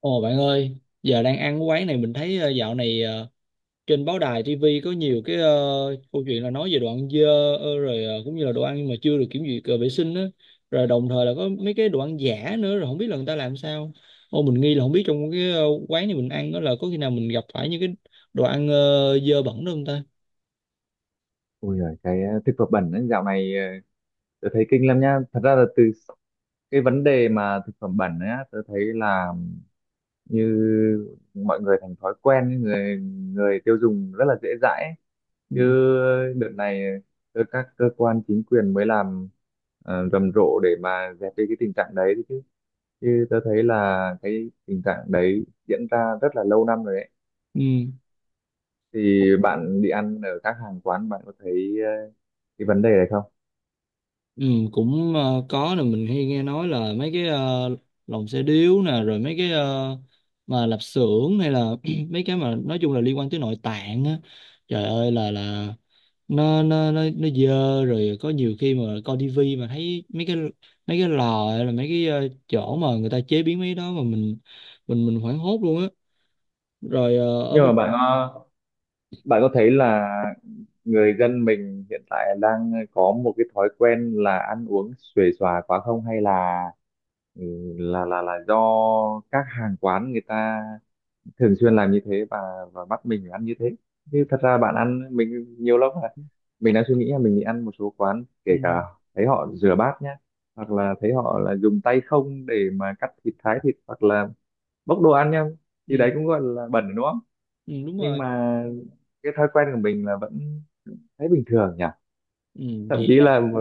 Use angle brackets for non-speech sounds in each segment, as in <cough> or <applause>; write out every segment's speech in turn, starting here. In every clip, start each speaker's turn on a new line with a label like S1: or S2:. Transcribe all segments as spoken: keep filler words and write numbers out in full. S1: Ồ bạn ơi, giờ đang ăn cái quán này mình thấy ờ, dạo này ờ, trên báo đài ti vi có nhiều cái ờ, câu chuyện là nói về đồ ăn dơ, ờ, rồi ờ, cũng như là đồ ăn mà chưa được kiểm duyệt ờ, vệ sinh á, rồi đồng thời là có mấy cái đồ ăn giả nữa, rồi không biết là người ta làm sao. Ô, mình nghi là không biết trong cái ờ, quán này mình ăn đó là có khi nào mình gặp phải những cái đồ ăn ờ, dơ bẩn đó không ta?
S2: Ôi giời, cái ờ, thực phẩm bẩn ấy, dạo này ờ, tớ thấy kinh lắm nhá. Thật ra là từ cái vấn đề mà thực phẩm bẩn ấy, á, tớ thấy là như mọi người thành thói quen, ấy, người người tiêu dùng rất là dễ dãi, ấy. Chứ
S1: Ừ.
S2: đợt này ờ, các cơ quan chính quyền mới làm ờ, rầm rộ để mà dẹp đi cái tình trạng đấy đấy chứ. Chứ tớ thấy là cái tình trạng đấy diễn ra rất là lâu năm rồi đấy.
S1: Ừ.
S2: Thì bạn đi ăn ở các hàng quán bạn có thấy ờ, cái vấn đề này không?
S1: Ừ, cũng ờ, có nè, mình hay nghe nói là mấy cái ờ, lồng xe điếu nè, rồi mấy cái ờ, mà lạp xưởng, hay là <clears throat> mấy cái mà nói chung là liên quan tới nội tạng á, trời ơi là là nó nó nó nó dơ. Rồi có nhiều khi mà coi tivi mà thấy mấy cái mấy cái lò, hay là mấy cái ờ, chỗ mà người ta chế biến mấy cái đó mà mình mình mình hoảng hốt luôn á. Rồi ờ, ở
S2: Nhưng
S1: bên.
S2: mà bạn bạn có thấy là người dân mình hiện tại đang có một cái thói quen là ăn uống xuề xòa quá không, hay là ừ, là là là do các hàng quán người ta thường xuyên làm như thế, và và bắt mình phải ăn như thế? Chứ thật ra bạn ăn mình nhiều lắm là mình đang suy nghĩ là mình đi ăn một số quán, kể
S1: Ừ,
S2: cả thấy họ rửa bát nhá, hoặc là thấy họ là dùng tay không để mà cắt thịt, thái thịt, hoặc là bốc đồ ăn nhá, thì
S1: ừ,
S2: đấy cũng gọi là bẩn đúng không?
S1: ừ, đúng
S2: Nhưng
S1: rồi.
S2: mà cái thói quen của mình là vẫn thấy bình thường nhỉ.
S1: Ừ,
S2: Thậm
S1: thì
S2: chí là mà-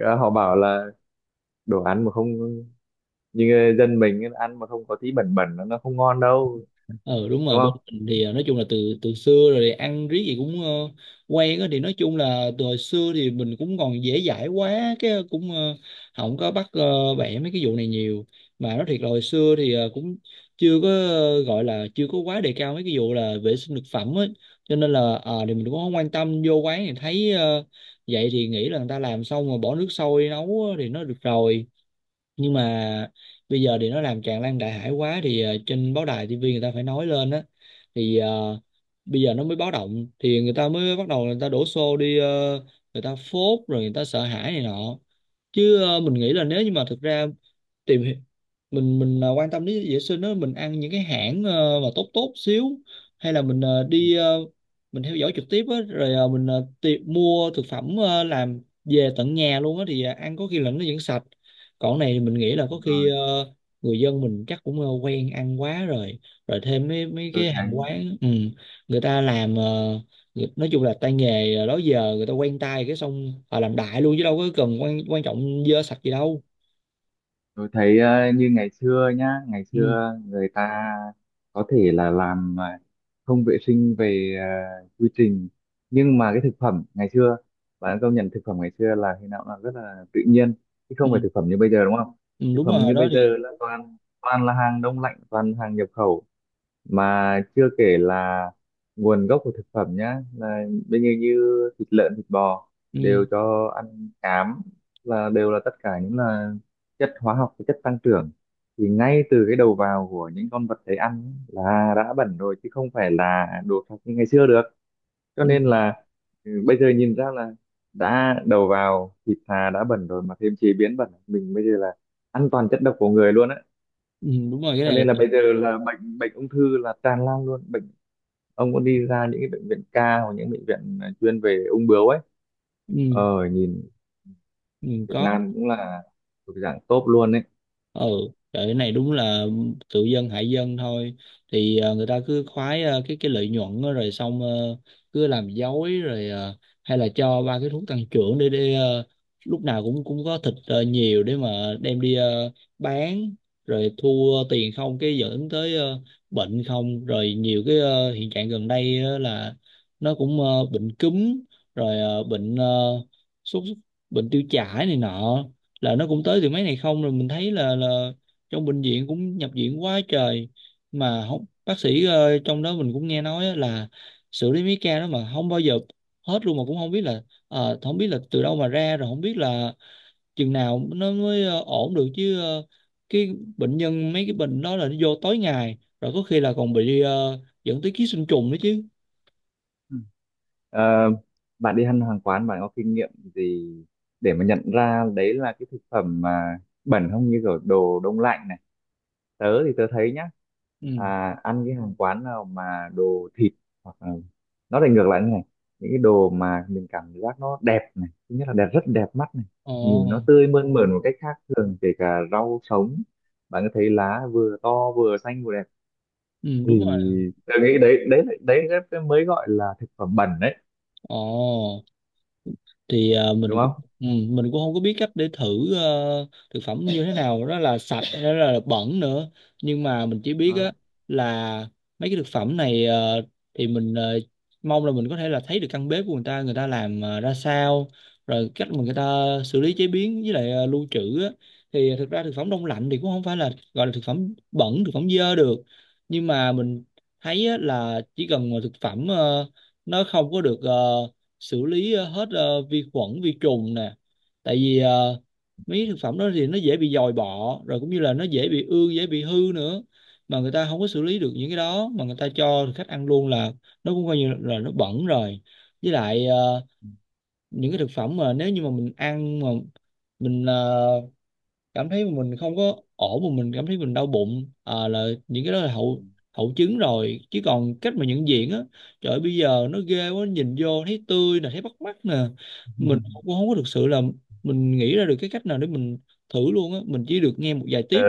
S2: ờ, họ bảo là đồ ăn mà không như dân mình ấy, ăn mà không có tí bẩn bẩn nó nó không ngon đâu,
S1: ừ, đúng rồi,
S2: đúng
S1: bên
S2: không?
S1: mình thì ờ, nói chung là từ từ xưa rồi thì ăn riết gì cũng ờ, quen á. Thì nói chung là từ hồi xưa thì mình cũng còn dễ dãi quá, cái cũng ờ, không có bắt ờ, bẻ mấy cái vụ này nhiều. Mà nói thiệt là hồi xưa thì ờ, cũng chưa có ờ, gọi là chưa có quá đề cao mấy cái vụ là vệ sinh thực phẩm á, cho nên là ờ, thì mình cũng không quan tâm, vô quán thì thấy ờ, vậy thì nghĩ là người ta làm xong rồi bỏ nước sôi nấu á thì nó được rồi. Nhưng mà bây giờ thì nó làm tràn lan đại hải quá, thì ờ, trên báo đài tivi người ta phải nói lên á, thì ờ, bây giờ nó mới báo động, thì người ta mới bắt đầu người ta đổ xô đi, ờ, người ta phốt rồi người ta sợ hãi này nọ. Chứ ờ, mình nghĩ là nếu như mà thực ra tìm hi- mình mình à, quan tâm đến vệ sinh đó, mình ăn những cái hãng ờ, mà tốt tốt xíu, hay là mình ờ, đi ờ, mình theo dõi trực tiếp á, rồi ờ, mình ờ, ti- mua thực phẩm ờ, làm về tận nhà luôn á, thì ờ, ăn có khi là nó vẫn sạch. Còn cái này thì mình nghĩ là có
S2: Đúng
S1: khi
S2: rồi,
S1: ờ, người dân mình chắc cũng ờ, quen ăn quá rồi, rồi thêm mấy mấy
S2: tôi
S1: cái hàng
S2: thấy
S1: quán, ừ, người ta làm ờ, người- nói chung là tay nghề ờ, đó giờ người ta quen tay, cái xong họ làm đại luôn chứ đâu có cần quan quan trọng dơ sạch gì đâu.
S2: Tôi thấy ờ, như ngày xưa nhá, ngày
S1: Ừ.
S2: xưa người ta có thể là làm ờ, không vệ sinh về ờ, quy trình, nhưng mà cái thực phẩm ngày xưa, bạn công nhận thực phẩm ngày xưa là khi nào cũng là rất là tự nhiên, chứ
S1: Ừ,
S2: không phải thực phẩm như bây giờ đúng không?
S1: ừ,
S2: Thực
S1: đúng
S2: phẩm
S1: rồi
S2: như
S1: đó
S2: bây giờ
S1: thì.
S2: là toàn toàn là hàng đông lạnh, toàn hàng nhập khẩu. Mà chưa kể là nguồn gốc của thực phẩm nhá, là bây giờ như thịt lợn thịt bò
S1: Ừ,
S2: đều cho ăn cám, là đều là tất cả những là chất hóa học và chất tăng trưởng. Thì ngay từ cái đầu vào của những con vật đấy ăn ấy là đã bẩn rồi, chứ không phải là đồ sạch như ngày xưa được. Cho
S1: ừ,
S2: nên là ừ, bây giờ nhìn ra là đã đầu vào thịt thà đã bẩn rồi mà thêm chế biến bẩn, mình bây giờ là ăn toàn chất độc của người luôn á.
S1: ừ, đúng rồi, cái
S2: Cho
S1: này là.
S2: nên là bây giờ là bệnh bệnh ung thư là tràn lan luôn. Bệnh, ông có đi ra những cái bệnh viện ca hoặc những bệnh viện à, chuyên về ung bướu ấy,
S1: Ừ,
S2: ờ nhìn
S1: ừ,
S2: Việt
S1: có.
S2: Nam cũng là thuộc dạng top luôn ấy.
S1: Ừ, trời, cái này đúng là tự dân hại dân thôi. Thì ờ, người ta cứ khoái ờ, cái cái lợi nhuận đó, rồi xong ờ, cứ làm dối rồi ờ, hay là cho ba cái thuốc tăng trưởng để để ờ, lúc nào cũng cũng có thịt ờ, nhiều, để mà đem đi ờ, bán, rồi thu ờ, tiền không, cái dẫn tới ờ, bệnh không. Rồi nhiều cái ờ, hiện trạng gần đây á là nó cũng ờ, bệnh cúm, rồi ờ, bệnh ờ, sốt, bệnh tiêu chảy này nọ, là nó cũng tới từ mấy này không. Rồi mình thấy là là trong bệnh viện cũng nhập viện quá trời, mà không bác sĩ ờ, trong đó mình cũng nghe nói á là xử lý mấy ca đó mà không bao giờ hết luôn, mà cũng không biết là ờ, không biết là từ đâu mà ra, rồi không biết là chừng nào nó mới ờ, ổn được. Chứ ờ, cái bệnh nhân mấy cái bệnh đó là nó vô tối ngày, rồi có khi là còn bị ờ, dẫn tới ký sinh trùng nữa chứ.
S2: Ừ. Ờ, bạn đi ăn hàng quán bạn có kinh nghiệm gì để mà nhận ra đấy là cái thực phẩm mà bẩn không, như kiểu đồ đông lạnh này? Tớ thì tớ thấy nhá,
S1: Ừ.
S2: à, ăn cái hàng quán nào mà đồ thịt hoặc là, nó lại ngược lại như này, những cái đồ mà mình cảm giác nó đẹp này, thứ nhất là đẹp, rất đẹp mắt này, nhìn nó
S1: Ồ.
S2: tươi mơn mởn một cách khác thường, kể cả rau sống bạn có thấy lá vừa to vừa xanh vừa đẹp,
S1: Ừ,
S2: thì
S1: đúng rồi.
S2: tôi nghĩ đấy đấy đấy, đấy mới gọi là thực phẩm bẩn đấy,
S1: Ồ, thì ờ, mình
S2: đúng
S1: cũng.
S2: không?
S1: Ừ, mình cũng không có biết cách để thử ờ, thực phẩm như thế nào đó là sạch hay đó là bẩn nữa. Nhưng mà mình chỉ biết
S2: Đó.
S1: á, là mấy cái thực phẩm này ờ, thì mình ờ, mong là mình có thể là thấy được căn bếp của người ta, người ta làm ờ, ra sao, rồi cách mà người ta xử lý chế biến với lại ờ, lưu trữ á. Thì thực ra thực phẩm đông lạnh thì cũng không phải là gọi là thực phẩm bẩn, thực phẩm dơ được, nhưng mà mình thấy á, là chỉ cần mà thực phẩm ờ, nó không có được ờ, xử lý ờ, hết ờ, vi khuẩn vi trùng nè, tại vì ờ, mấy thực phẩm đó thì nó dễ bị dòi bọ, rồi cũng như là nó dễ bị ương, dễ bị hư nữa, mà người ta không có xử lý được những cái đó mà người ta cho khách ăn luôn, là nó cũng coi như là nó bẩn rồi. Với lại ờ, những cái thực phẩm mà nếu như mà mình ăn mà mình ờ, cảm thấy mà mình không có ổn, mà mình cảm thấy mình đau bụng à, là những cái đó là hậu hậu chứng rồi. Chứ còn cách mà nhận diện á, trời ơi, bây giờ nó ghê quá, nhìn vô thấy tươi nè, thấy bắt mắt nè, mình
S2: <laughs>
S1: cũng không có thực sự là mình nghĩ ra được cái cách nào để mình thử luôn á, mình chỉ được nghe một vài
S2: Tớ
S1: tiếp.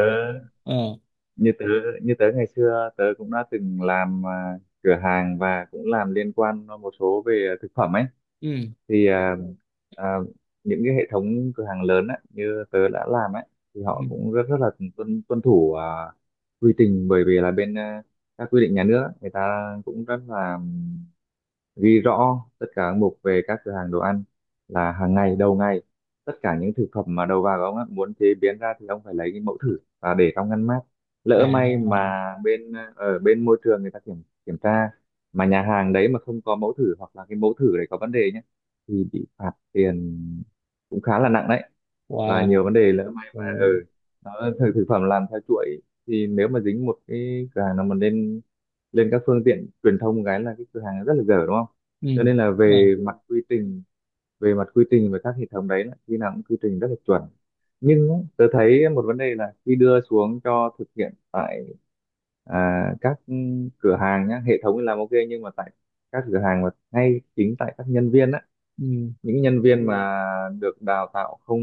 S1: Ờ.
S2: như tớ như tớ ngày xưa tớ cũng đã từng làm à, cửa hàng, và cũng làm liên quan một số về thực phẩm ấy,
S1: Ừ.
S2: thì à, à, những cái hệ thống cửa hàng lớn ấy, như tớ đã làm ấy, thì họ
S1: Ừ.
S2: cũng rất rất là tuân tuân thủ à, quy trình. Bởi vì là bên à, các quy định nhà nước ấy, người ta cũng rất là ghi rõ tất cả các mục về các cửa hàng đồ ăn, là hàng ngày, đầu ngày, tất cả những thực phẩm mà đầu vào của ông á, muốn chế biến ra thì ông phải lấy cái mẫu thử và để trong ngăn mát.
S1: À.
S2: Lỡ may mà bên ở bên môi trường người ta kiểm kiểm tra mà nhà hàng đấy mà không có mẫu thử, hoặc là cái mẫu thử đấy có vấn đề nhé, thì bị phạt tiền cũng khá là nặng đấy. Và nhiều
S1: Wow.
S2: vấn đề lỡ may mà ở
S1: Rồi.
S2: ừ, nó thực thực phẩm làm theo chuỗi, thì nếu mà dính một cái cửa hàng nào mà lên, lên các phương tiện truyền thông cái là cái cửa hàng rất là dở đúng không?
S1: Ừ,
S2: Cho nên là
S1: đúng rồi.
S2: về mặt quy trình, về mặt quy trình và các hệ thống đấy là khi nào cũng quy trình rất là chuẩn. Nhưng ấy, tớ thấy một vấn đề là khi đưa xuống cho thực hiện tại à, các cửa hàng nhá, hệ thống thì làm ok, nhưng mà tại các cửa hàng mà ngay chính tại các nhân viên á,
S1: Ừ.
S2: những nhân viên mà được đào tạo không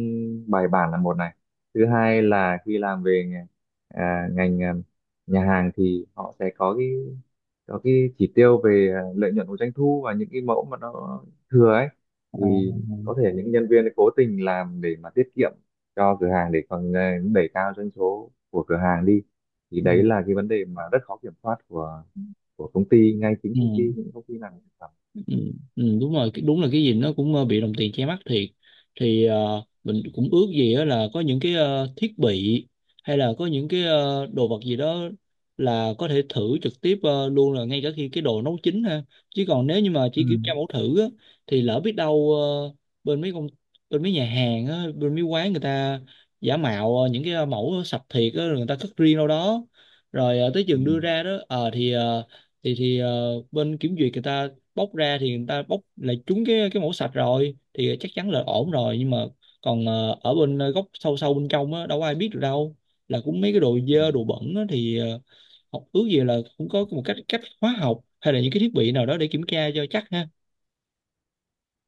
S2: bài bản là một này, thứ hai là khi làm về nghề- à, ngành à, nhà hàng thì họ sẽ có cái có cái chỉ tiêu về à, lợi nhuận của doanh thu, và những cái mẫu mà nó thừa ấy, thì
S1: À.
S2: có thể những nhân viên ấy cố tình làm để mà tiết kiệm cho cửa hàng để còn à, đẩy cao doanh số của cửa hàng đi. Thì
S1: Ừ.
S2: đấy
S1: Ừ.
S2: là cái vấn đề mà rất khó kiểm soát của của công ty, ngay chính
S1: Ừ.
S2: công ty, những công ty làm thực phẩm.
S1: Ừ, ừ, đúng rồi cái- đúng là cái gì nó cũng ờ, bị đồng tiền che mắt thiệt. Thì ờ, mình cũng ước gì á là có những cái ờ, thiết bị, hay là có những cái ờ, đồ vật gì đó, là có thể thử trực tiếp ờ, luôn, là ngay cả khi cái đồ nấu chín ha. Chứ còn nếu như mà
S2: Ừ.
S1: chỉ kiểm tra mẫu thử á, thì lỡ biết đâu ờ, bên mấy công, bên mấy nhà hàng á, bên mấy quán người ta giả mạo ờ, những cái ờ, mẫu sạch thiệt á, rồi người ta cất riêng đâu đó. Rồi ờ, tới chừng đưa ra đó ờ, thì ờ, thì thì ờ, bên kiểm duyệt người ta bóc ra, thì người ta bóc lại trúng cái cái mẫu sạch rồi thì chắc chắn là ổn rồi. Nhưng mà còn ờ, ở bên ờ, góc sâu sâu bên trong á, đâu có ai biết được đâu là cũng mấy cái đồ
S2: Ừ.
S1: dơ đồ bẩn á, thì ờ, học ước gì là cũng có một cách cách hóa học, hay là những cái thiết bị nào đó để kiểm tra cho chắc ha.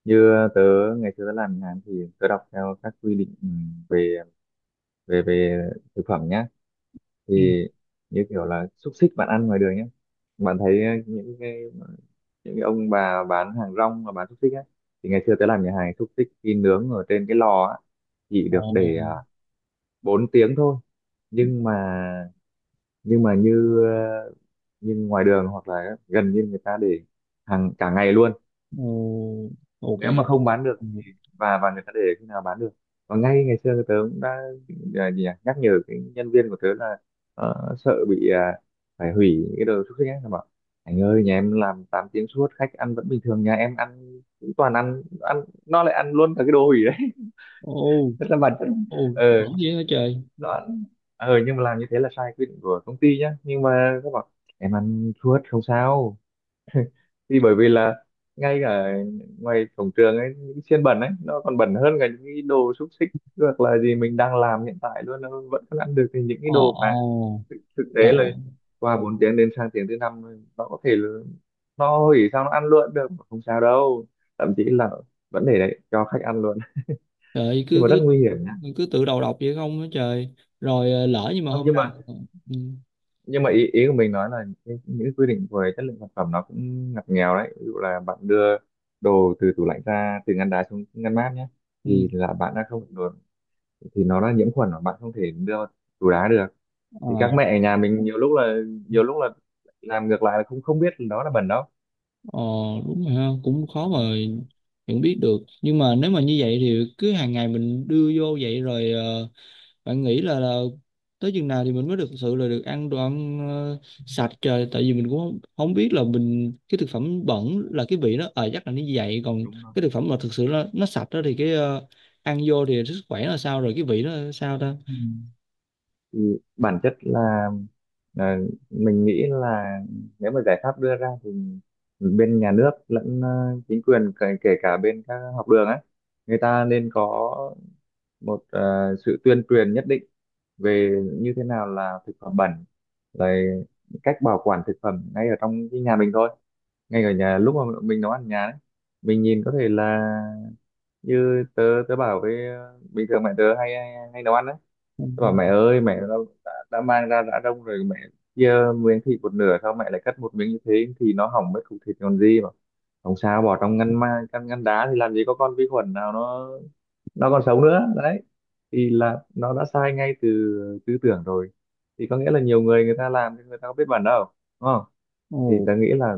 S2: Như tớ ngày xưa tớ làm nhà hàng thì tớ đọc theo các quy định ừ, về về về thực phẩm nhá, thì
S1: Ừ.
S2: như kiểu là xúc xích bạn ăn ngoài đường nhé, bạn thấy ờ, những cái những cái ông bà bán hàng rong mà bán xúc xích á, thì ngày xưa tớ làm nhà hàng xúc xích khi nướng ở trên cái lò á chỉ
S1: Ồ,
S2: được để à, bốn tiếng thôi. Nhưng mà nhưng mà như ờ, như ngoài đường hoặc là gần như người ta để hàng cả ngày luôn,
S1: ồ, ồ, cả
S2: nếu
S1: ngày.
S2: mà không bán được
S1: Ừ.
S2: thì, và và người ta để khi nào bán được. Và ngay ngày xưa tớ cũng đã à, gì nhỉ, nhắc nhở cái nhân viên của tớ là ờ, sợ bị à, phải hủy những cái đồ xúc xích ấy, nó bảo anh ơi nhà em làm tám tiếng suốt khách ăn vẫn bình thường, nhà em ăn cũng toàn ăn ăn nó lại ăn luôn cả cái đồ hủy đấy. <laughs>
S1: Ồ,
S2: Rất là bản chất.
S1: ồ,
S2: ờ
S1: bẩn dữ hả trời.
S2: nó ăn, ờ nhưng mà làm như thế là sai quy định của công ty nhá, nhưng mà các bạn, em ăn suốt không sao. Thì bởi vì là ngay cả ngoài cổng trường ấy, những xiên bẩn ấy nó còn bẩn hơn cả những cái đồ xúc xích hoặc là gì mình đang làm hiện tại luôn, nó vẫn còn ăn được thì những cái
S1: Ồ,
S2: đồ mà
S1: ồ,
S2: thực tế
S1: trời
S2: là
S1: ơi,
S2: qua bốn tiếng đến sang tiếng thứ năm nó có thể là no hủy, sao nó ăn luôn được không sao đâu, thậm chí là vẫn để đấy cho khách ăn luôn,
S1: trời
S2: nhưng
S1: cứ
S2: mà rất
S1: cứ
S2: nguy hiểm nhá.
S1: cứ tự đầu độc vậy không hả trời. Rồi ờ, lỡ nhưng mà
S2: Không,
S1: hôm
S2: nhưng
S1: nào.
S2: mà
S1: Ừ.
S2: nhưng mà ý ý của mình nói là những, những quy định về chất lượng sản phẩm nó cũng ngặt nghèo đấy. Ví dụ là bạn đưa đồ từ tủ lạnh ra từ ngăn đá xuống ngăn mát nhé,
S1: Ừ.
S2: thì là bạn đã không được, thì nó đã nhiễm khuẩn và bạn không thể đưa vào tủ đá được. Thì các
S1: Ờ,
S2: mẹ ở nhà mình nhiều lúc là, nhiều lúc là làm ngược lại là không, không biết đó là bẩn đâu.
S1: ờ, đúng rồi ha, cũng
S2: Ừ,
S1: khó mà nhận biết được. Nhưng mà nếu mà như vậy thì cứ hàng ngày mình đưa vô vậy, rồi ờ, bạn nghĩ là, là tới chừng nào thì mình mới thực sự là được ăn đồ ăn ờ, sạch trời? Tại vì mình cũng không, không biết là mình cái thực phẩm bẩn là cái vị nó ờ chắc là như vậy, còn
S2: đúng
S1: cái thực phẩm mà thực sự nó nó sạch đó thì cái ờ, ăn vô thì sức khỏe là sao, rồi cái vị nó sao ta.
S2: rồi, thì bản chất là là mình nghĩ là nếu mà giải pháp đưa ra thì bên nhà nước lẫn ờ, chính quyền, kể, kể cả bên các học đường á, người ta nên có một ờ, sự tuyên truyền nhất định về như thế nào là thực phẩm bẩn, rồi cách bảo quản thực phẩm ngay ở trong cái nhà mình thôi, ngay ở nhà lúc mà mình nấu ăn ở nhà đấy, mình nhìn có thể là, như tớ, tớ bảo với ờ, bình thường mẹ tớ hay hay, hay nấu ăn đấy.
S1: Ừ.
S2: Tôi bảo mẹ ơi, mẹ đã, đã, đã mang ra đã đông rồi mẹ chia miếng thịt một nửa, sao mẹ lại cắt một miếng như thế thì nó hỏng mấy cục thịt còn gì. Mà không sao, bỏ trong ngăn ma ngăn ngăn đá thì làm gì có con vi khuẩn nào nó nó còn sống nữa đấy. Thì là nó đã sai ngay từ tư tưởng rồi, thì có nghĩa là nhiều người, người ta làm nhưng người ta có biết bản đâu, đúng không? Thì
S1: Ồ,
S2: ta nghĩ là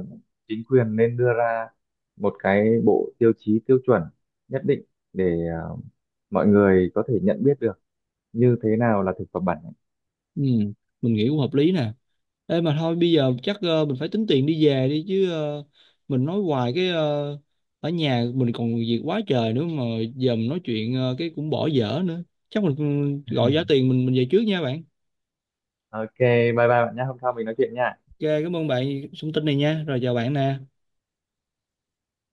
S2: chính quyền nên đưa ra một cái bộ tiêu chí, tiêu chuẩn nhất định để à, mọi người có thể nhận biết được như thế nào là thực phẩm bẩn.
S1: ừ, mình nghĩ cũng hợp lý nè. Ê, mà thôi bây giờ chắc ờ, mình phải tính tiền đi về đi, chứ ờ, mình nói hoài cái ờ, ở nhà mình còn việc quá trời nữa mà, giờ mình nói chuyện ờ, cái cũng bỏ dở nữa. Chắc mình ừ, gọi giá tiền, mình mình về trước nha bạn.
S2: Ok, bye bye bạn nhé, hôm sau mình nói chuyện nha.
S1: Ok, cảm ơn bạn thông tin này nha. Rồi chào bạn nè.